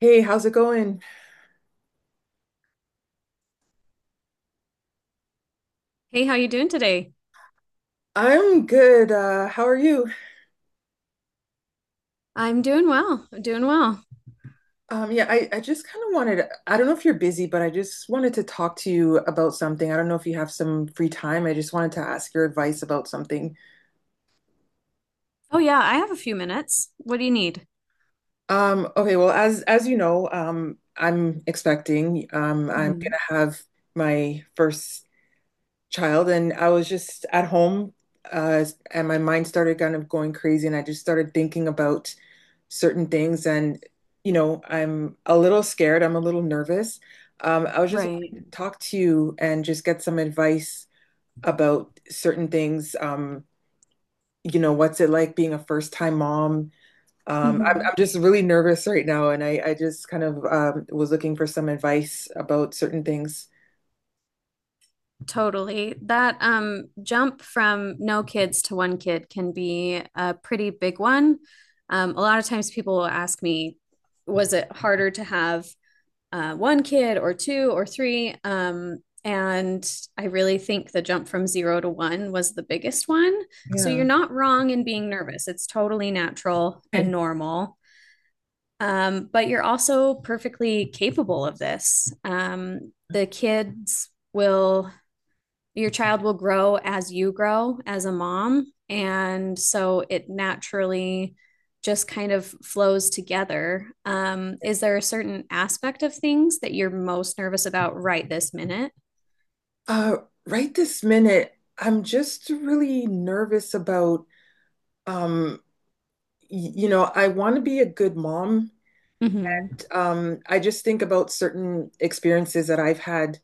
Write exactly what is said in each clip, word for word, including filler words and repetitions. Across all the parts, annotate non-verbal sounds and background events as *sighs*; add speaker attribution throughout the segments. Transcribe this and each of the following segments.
Speaker 1: Hey, how's it going?
Speaker 2: Hey, how you doing today?
Speaker 1: I'm good. Uh, how are you?
Speaker 2: I'm doing well. I'm doing well.
Speaker 1: Um, yeah, I, I just kind of wanted, I don't know if you're busy, but I just wanted to talk to you about something. I don't know if you have some free time. I just wanted to ask your advice about something.
Speaker 2: Oh yeah, I have a few minutes. What do you need?
Speaker 1: Um, okay, well, as as you know, um, I'm expecting, um, I'm
Speaker 2: Mhm.
Speaker 1: gonna have my first child. And I was just at home, uh, and my mind started kind of going crazy. And I just started thinking about certain things. And you know, I'm a little scared. I'm a little nervous. um, I was just
Speaker 2: Right.
Speaker 1: wanting to talk to you and just get some advice about certain things. Um, you know, what's it like being a first time mom? um, I'm,
Speaker 2: Hmm.
Speaker 1: I'm just really nervous right now, and i, I just kind of um, was looking for some advice about certain things.
Speaker 2: Totally. That um jump from no kids to one kid can be a pretty big one. Um, a lot of times people will ask me, was it harder to have uh, one kid or two or three? Um, and I really think the jump from zero to one was the biggest one. So
Speaker 1: Yeah.
Speaker 2: you're not wrong in being nervous. It's totally natural and
Speaker 1: Okay.
Speaker 2: normal. Um, but you're also perfectly capable of this. Um, the kids will, your child will grow as you grow as a mom. And so it naturally just kind of flows together. Um, is there a certain aspect of things that you're most nervous about right this minute?
Speaker 1: uh, right this minute, I'm just really nervous about. um, y- you know I want to be a good mom.
Speaker 2: Mm-hmm.
Speaker 1: Um, I just think about certain experiences that I've had,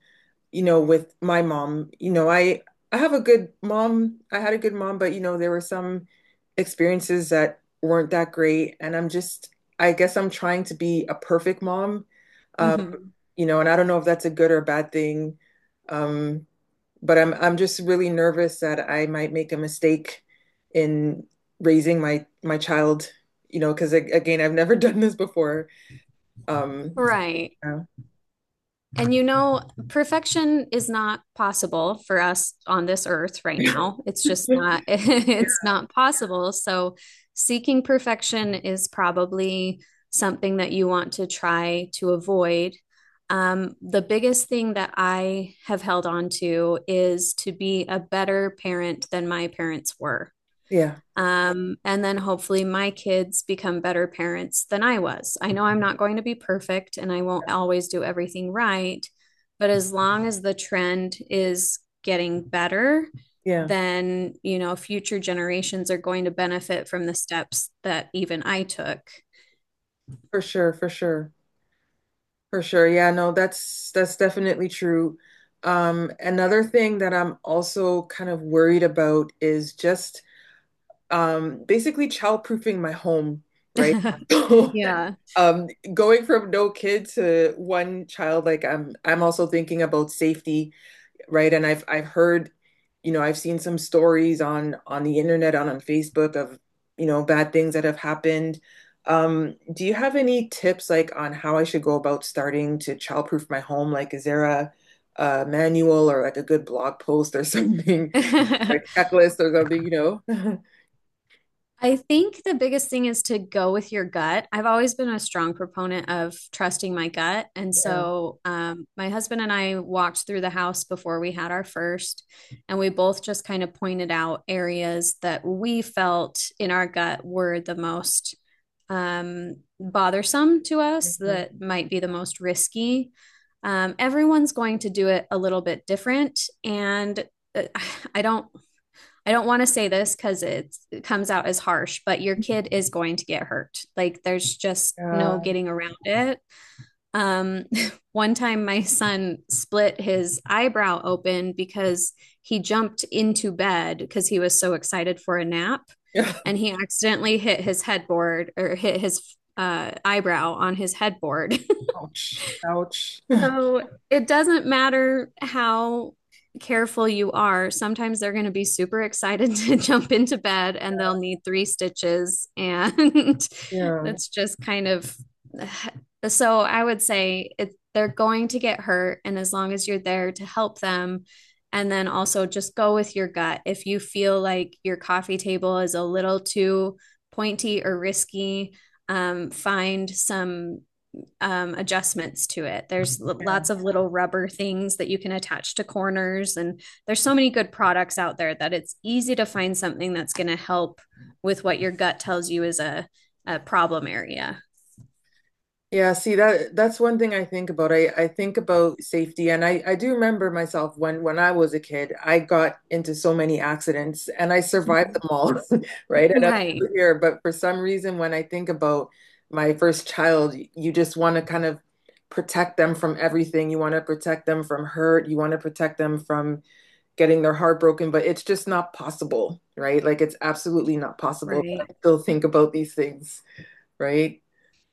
Speaker 1: you know, with my mom. You know, I I have a good mom. I had a good mom, but you know, there were some experiences that weren't that great. And I'm just, I guess I'm trying to be a perfect mom. Um,
Speaker 2: Hmm.
Speaker 1: you know, and I don't know if that's a good or a bad thing. Um, but I'm I'm just really nervous that I might make a mistake in raising my my child, you know, because again, I've never *laughs* done this before. Um,
Speaker 2: Right.
Speaker 1: so.
Speaker 2: And you know, perfection is not possible for us on this earth right now. It's just not,
Speaker 1: *laughs*
Speaker 2: *laughs* it's not possible. So, seeking perfection is probably something that you want to try to avoid. Um, the biggest thing that I have held on to is to be a better parent than my parents were.
Speaker 1: Yeah,
Speaker 2: Um, and then hopefully my kids become better parents than I was. I know I'm not going to be perfect and I won't always do everything right, but as long as the trend is getting better,
Speaker 1: yeah,
Speaker 2: then, you know, future generations are going to benefit from the steps that even I took.
Speaker 1: for sure, for sure, for sure. Yeah, no, that's that's definitely true. Um, another thing that I'm also kind of worried about is just um basically childproofing my home, right? *laughs*
Speaker 2: *laughs*
Speaker 1: So,
Speaker 2: Yeah.
Speaker 1: um, going from no kid to one child, like I'm I'm also thinking about safety, right? And I've I've heard, you know, I've seen some stories on on the internet, on on Facebook of, you know, bad things that have happened. Um, do you have any tips like on how I should go about starting to childproof my home? Like, is there a, a manual or like a good blog post or something, *laughs* or
Speaker 2: *laughs*
Speaker 1: a checklist or something, you know? *laughs*
Speaker 2: I think the biggest thing is to go with your gut. I've always been a strong proponent of trusting my gut. And
Speaker 1: Yeah,
Speaker 2: so um, my husband and I walked through the house before we had our first, and we both just kind of pointed out areas that we felt in our gut were the most um, bothersome to us, that might be the most risky. Um, everyone's going to do it a little bit different. And uh, *sighs* I don't I don't want to say this because it comes out as harsh, but your kid is going to get hurt. Like there's just no
Speaker 1: yeah,
Speaker 2: getting around it. Um, *laughs* one time my son split his eyebrow open because he jumped into bed because he was so excited for a nap
Speaker 1: yeah.
Speaker 2: and he accidentally hit his headboard or hit his uh, eyebrow on his headboard.
Speaker 1: *laughs* Ouch, ouch.
Speaker 2: It doesn't matter how careful you are. Sometimes they're going to be super excited *laughs* to jump into bed and they'll need three stitches. And
Speaker 1: *laughs*
Speaker 2: *laughs*
Speaker 1: Yeah,
Speaker 2: that's just kind of *sighs* so I would say it, they're going to get hurt. And as long as you're there to help them, and then also just go with your gut. If you feel like your coffee table is a little too pointy or risky, um, find some um, adjustments to it. There's
Speaker 1: yeah.
Speaker 2: lots of little rubber things that you can attach to corners, and there's so many good products out there that it's easy to find something that's going to help with what your gut tells you is a, a problem area.
Speaker 1: Yeah, see that that's one thing I think about. I, I think about safety, and I, I do remember myself when when I was a kid. I got into so many accidents, and I survived
Speaker 2: Mm-hmm.
Speaker 1: them all, *laughs* right? And up to
Speaker 2: Right,
Speaker 1: here, but for some reason, when I think about my first child, you just want to kind of protect them from everything. You want to protect them from hurt, you want to protect them from getting their heart broken, but it's just not possible, right? Like it's absolutely not possible, but
Speaker 2: right.
Speaker 1: I still think about these things, right?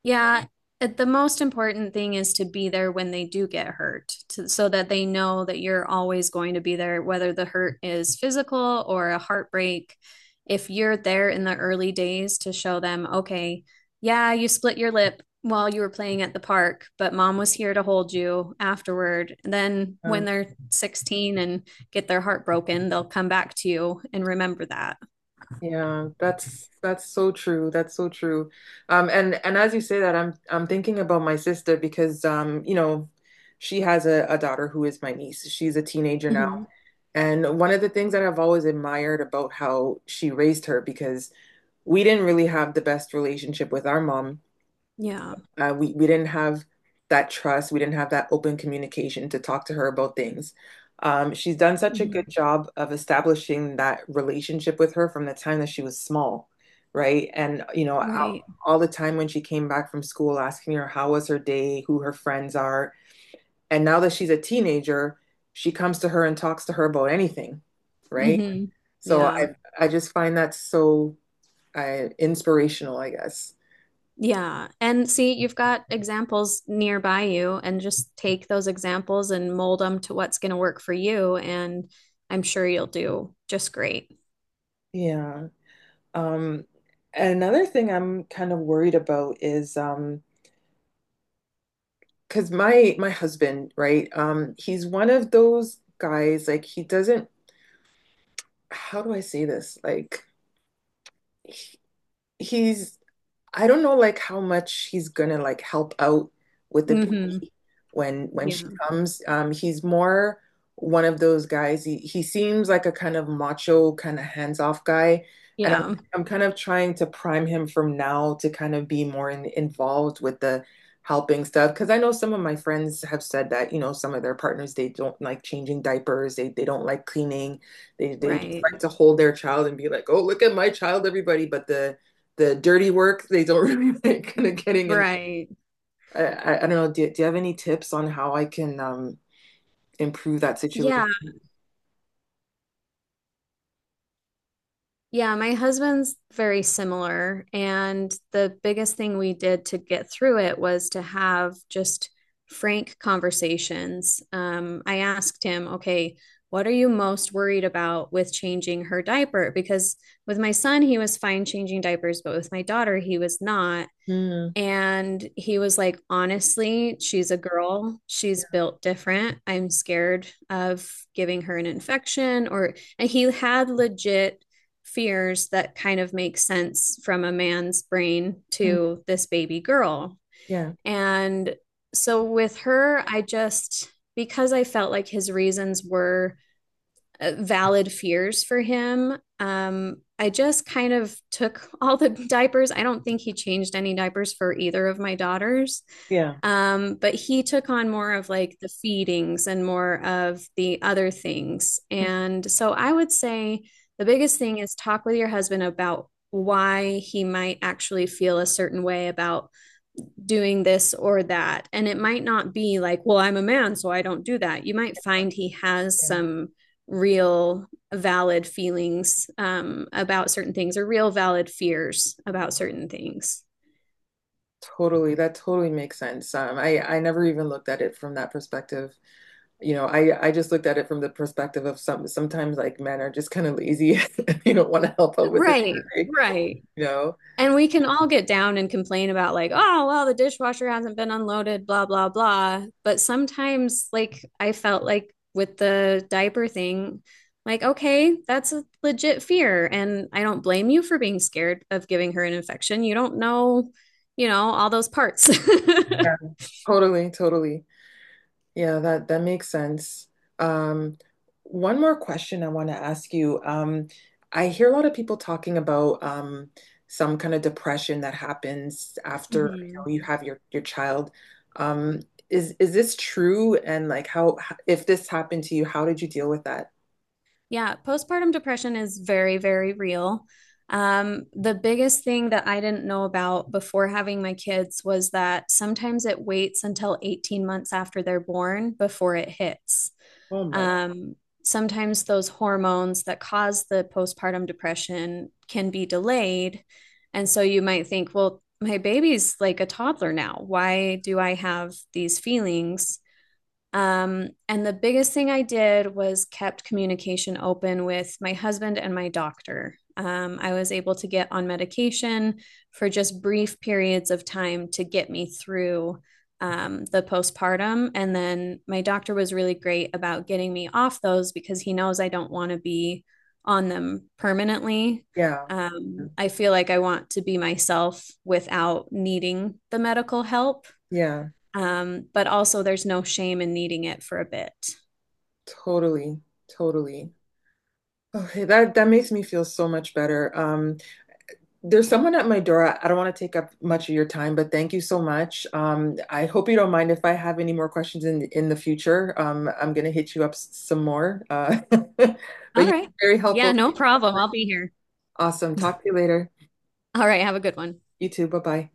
Speaker 2: Yeah, it, the most important thing is to be there when they do get hurt, to, so that they know that you're always going to be there, whether the hurt is physical or a heartbreak. If you're there in the early days to show them, okay, yeah, you split your lip while you were playing at the park, but mom was here to hold you afterward. And then when they're sixteen and get their heart broken, they'll come back to you and remember that.
Speaker 1: Yeah, that's that's so true. That's so true. Um, and and as you say that, I'm I'm thinking about my sister, because um, you know, she has a, a daughter who is my niece. She's a teenager now.
Speaker 2: Hmm.
Speaker 1: And one of the things that I've always admired about how she raised her, because we didn't really have the best relationship with our mom.
Speaker 2: Yeah.
Speaker 1: Uh, we we didn't have that trust. We didn't have that open communication to talk to her about things. Um, she's done such a good
Speaker 2: Hmm.
Speaker 1: job of establishing that relationship with her from the time that she was small, right? And you know, all,
Speaker 2: Right.
Speaker 1: all the time when she came back from school, asking her how was her day, who her friends are. And now that she's a teenager, she comes to her and talks to her about anything, right?
Speaker 2: Hmm.
Speaker 1: So
Speaker 2: Yeah.
Speaker 1: I I just find that so uh, inspirational, I guess.
Speaker 2: Yeah. And see, you've got examples nearby you, and just take those examples and mold them to what's going to work for you. And I'm sure you'll do just great.
Speaker 1: Yeah. Um, Another thing I'm kind of worried about is, um, because my my husband, right? Um, he's one of those guys like he doesn't. How do I say this? Like he, he's I don't know, like how much he's gonna like help out with the
Speaker 2: Hmm.
Speaker 1: baby when when she
Speaker 2: Yeah.
Speaker 1: comes. Um, he's more one of those guys. He he seems like a kind of macho, kind of hands-off guy. And I'm
Speaker 2: Yeah.
Speaker 1: I'm kind of trying to prime him from now to kind of be more in, involved with the helping stuff. Because I know some of my friends have said that, you know, some of their partners, they don't like changing diapers, they they don't like cleaning, they they just
Speaker 2: Right.
Speaker 1: like to hold their child and be like, oh, look at my child, everybody. But the the dirty work they don't *laughs* really like kind of getting in.
Speaker 2: Right.
Speaker 1: I, I, I don't know. Do, do you have any tips on how I can um improve that situation?
Speaker 2: Yeah. Yeah, my husband's very similar. And the biggest thing we did to get through it was to have just frank conversations. Um, I asked him, okay, what are you most worried about with changing her diaper? Because with my son, he was fine changing diapers, but with my daughter, he was not.
Speaker 1: Mm,
Speaker 2: And he was like, honestly, she's a girl. She's built different. I'm scared of giving her an infection or, and he had legit fears that kind of make sense from a man's brain
Speaker 1: mm,
Speaker 2: to this baby girl.
Speaker 1: yeah,
Speaker 2: And so with her, I just, because I felt like his reasons were uh, valid fears for him. Um, I just kind of took *laughs* all the diapers. I don't think he changed any diapers for either of my daughters.
Speaker 1: yeah,
Speaker 2: Um, but he took on more of like the feedings and more of the other things.
Speaker 1: mm,
Speaker 2: And so I would say the biggest thing is talk with your husband about why he might actually feel a certain way about doing this or that. And it might not be like, well, I'm a man, so I don't do that. You might find he has
Speaker 1: yeah.
Speaker 2: some real valid feelings um, about certain things or real valid fears about certain things.
Speaker 1: Totally. That totally makes sense. Um, I I never even looked at it from that perspective. You know, I I just looked at it from the perspective of some sometimes like men are just kind of lazy. *laughs* You don't want to help out with it.
Speaker 2: Right, right.
Speaker 1: You know.
Speaker 2: And we can all get down and complain about, like, oh, well, the dishwasher hasn't been unloaded, blah, blah, blah. But sometimes, like, I felt like with the diaper thing, like, okay, that's a legit fear. And I don't blame you for being scared of giving her an infection. You don't know, you know, all those parts.
Speaker 1: Yeah.
Speaker 2: *laughs*
Speaker 1: Totally, totally. Yeah, that that makes sense. Um, One more question I want to ask you. Um, I hear a lot of people talking about um, some kind of depression that happens after, you
Speaker 2: Mhm.
Speaker 1: know, you have your your child. Um, is is this true? And like, how h- if this happened to you, how did you deal with that?
Speaker 2: Yeah, postpartum depression is very, very real. Um, the biggest thing that I didn't know about before having my kids was that sometimes it waits until eighteen months after they're born before it hits.
Speaker 1: Oh my.
Speaker 2: Um, sometimes those hormones that cause the postpartum depression can be delayed. And so you might think, well, my baby's like a toddler now. Why do I have these feelings? Um, and the biggest thing I did was kept communication open with my husband and my doctor. Um, I was able to get on medication for just brief periods of time to get me through um, the postpartum. And then my doctor was really great about getting me off those because he knows I don't want to be on them permanently.
Speaker 1: Yeah,
Speaker 2: Um, I feel like I want to be myself without needing the medical help.
Speaker 1: yeah,
Speaker 2: Um, but also, there's no shame in needing it for a bit.
Speaker 1: totally, totally. Okay, that that makes me feel so much better. Um, There's someone at my door. I don't want to take up much of your time, but thank you so much. Um, I hope you don't mind if I have any more questions in in the future. Um, I'm gonna hit you up s- some more. Uh, *laughs* but
Speaker 2: All
Speaker 1: you've
Speaker 2: right.
Speaker 1: been very
Speaker 2: Yeah,
Speaker 1: helpful.
Speaker 2: no problem. I'll be here.
Speaker 1: Awesome. Talk to you later.
Speaker 2: All right. Have a good one.
Speaker 1: You too. Bye bye.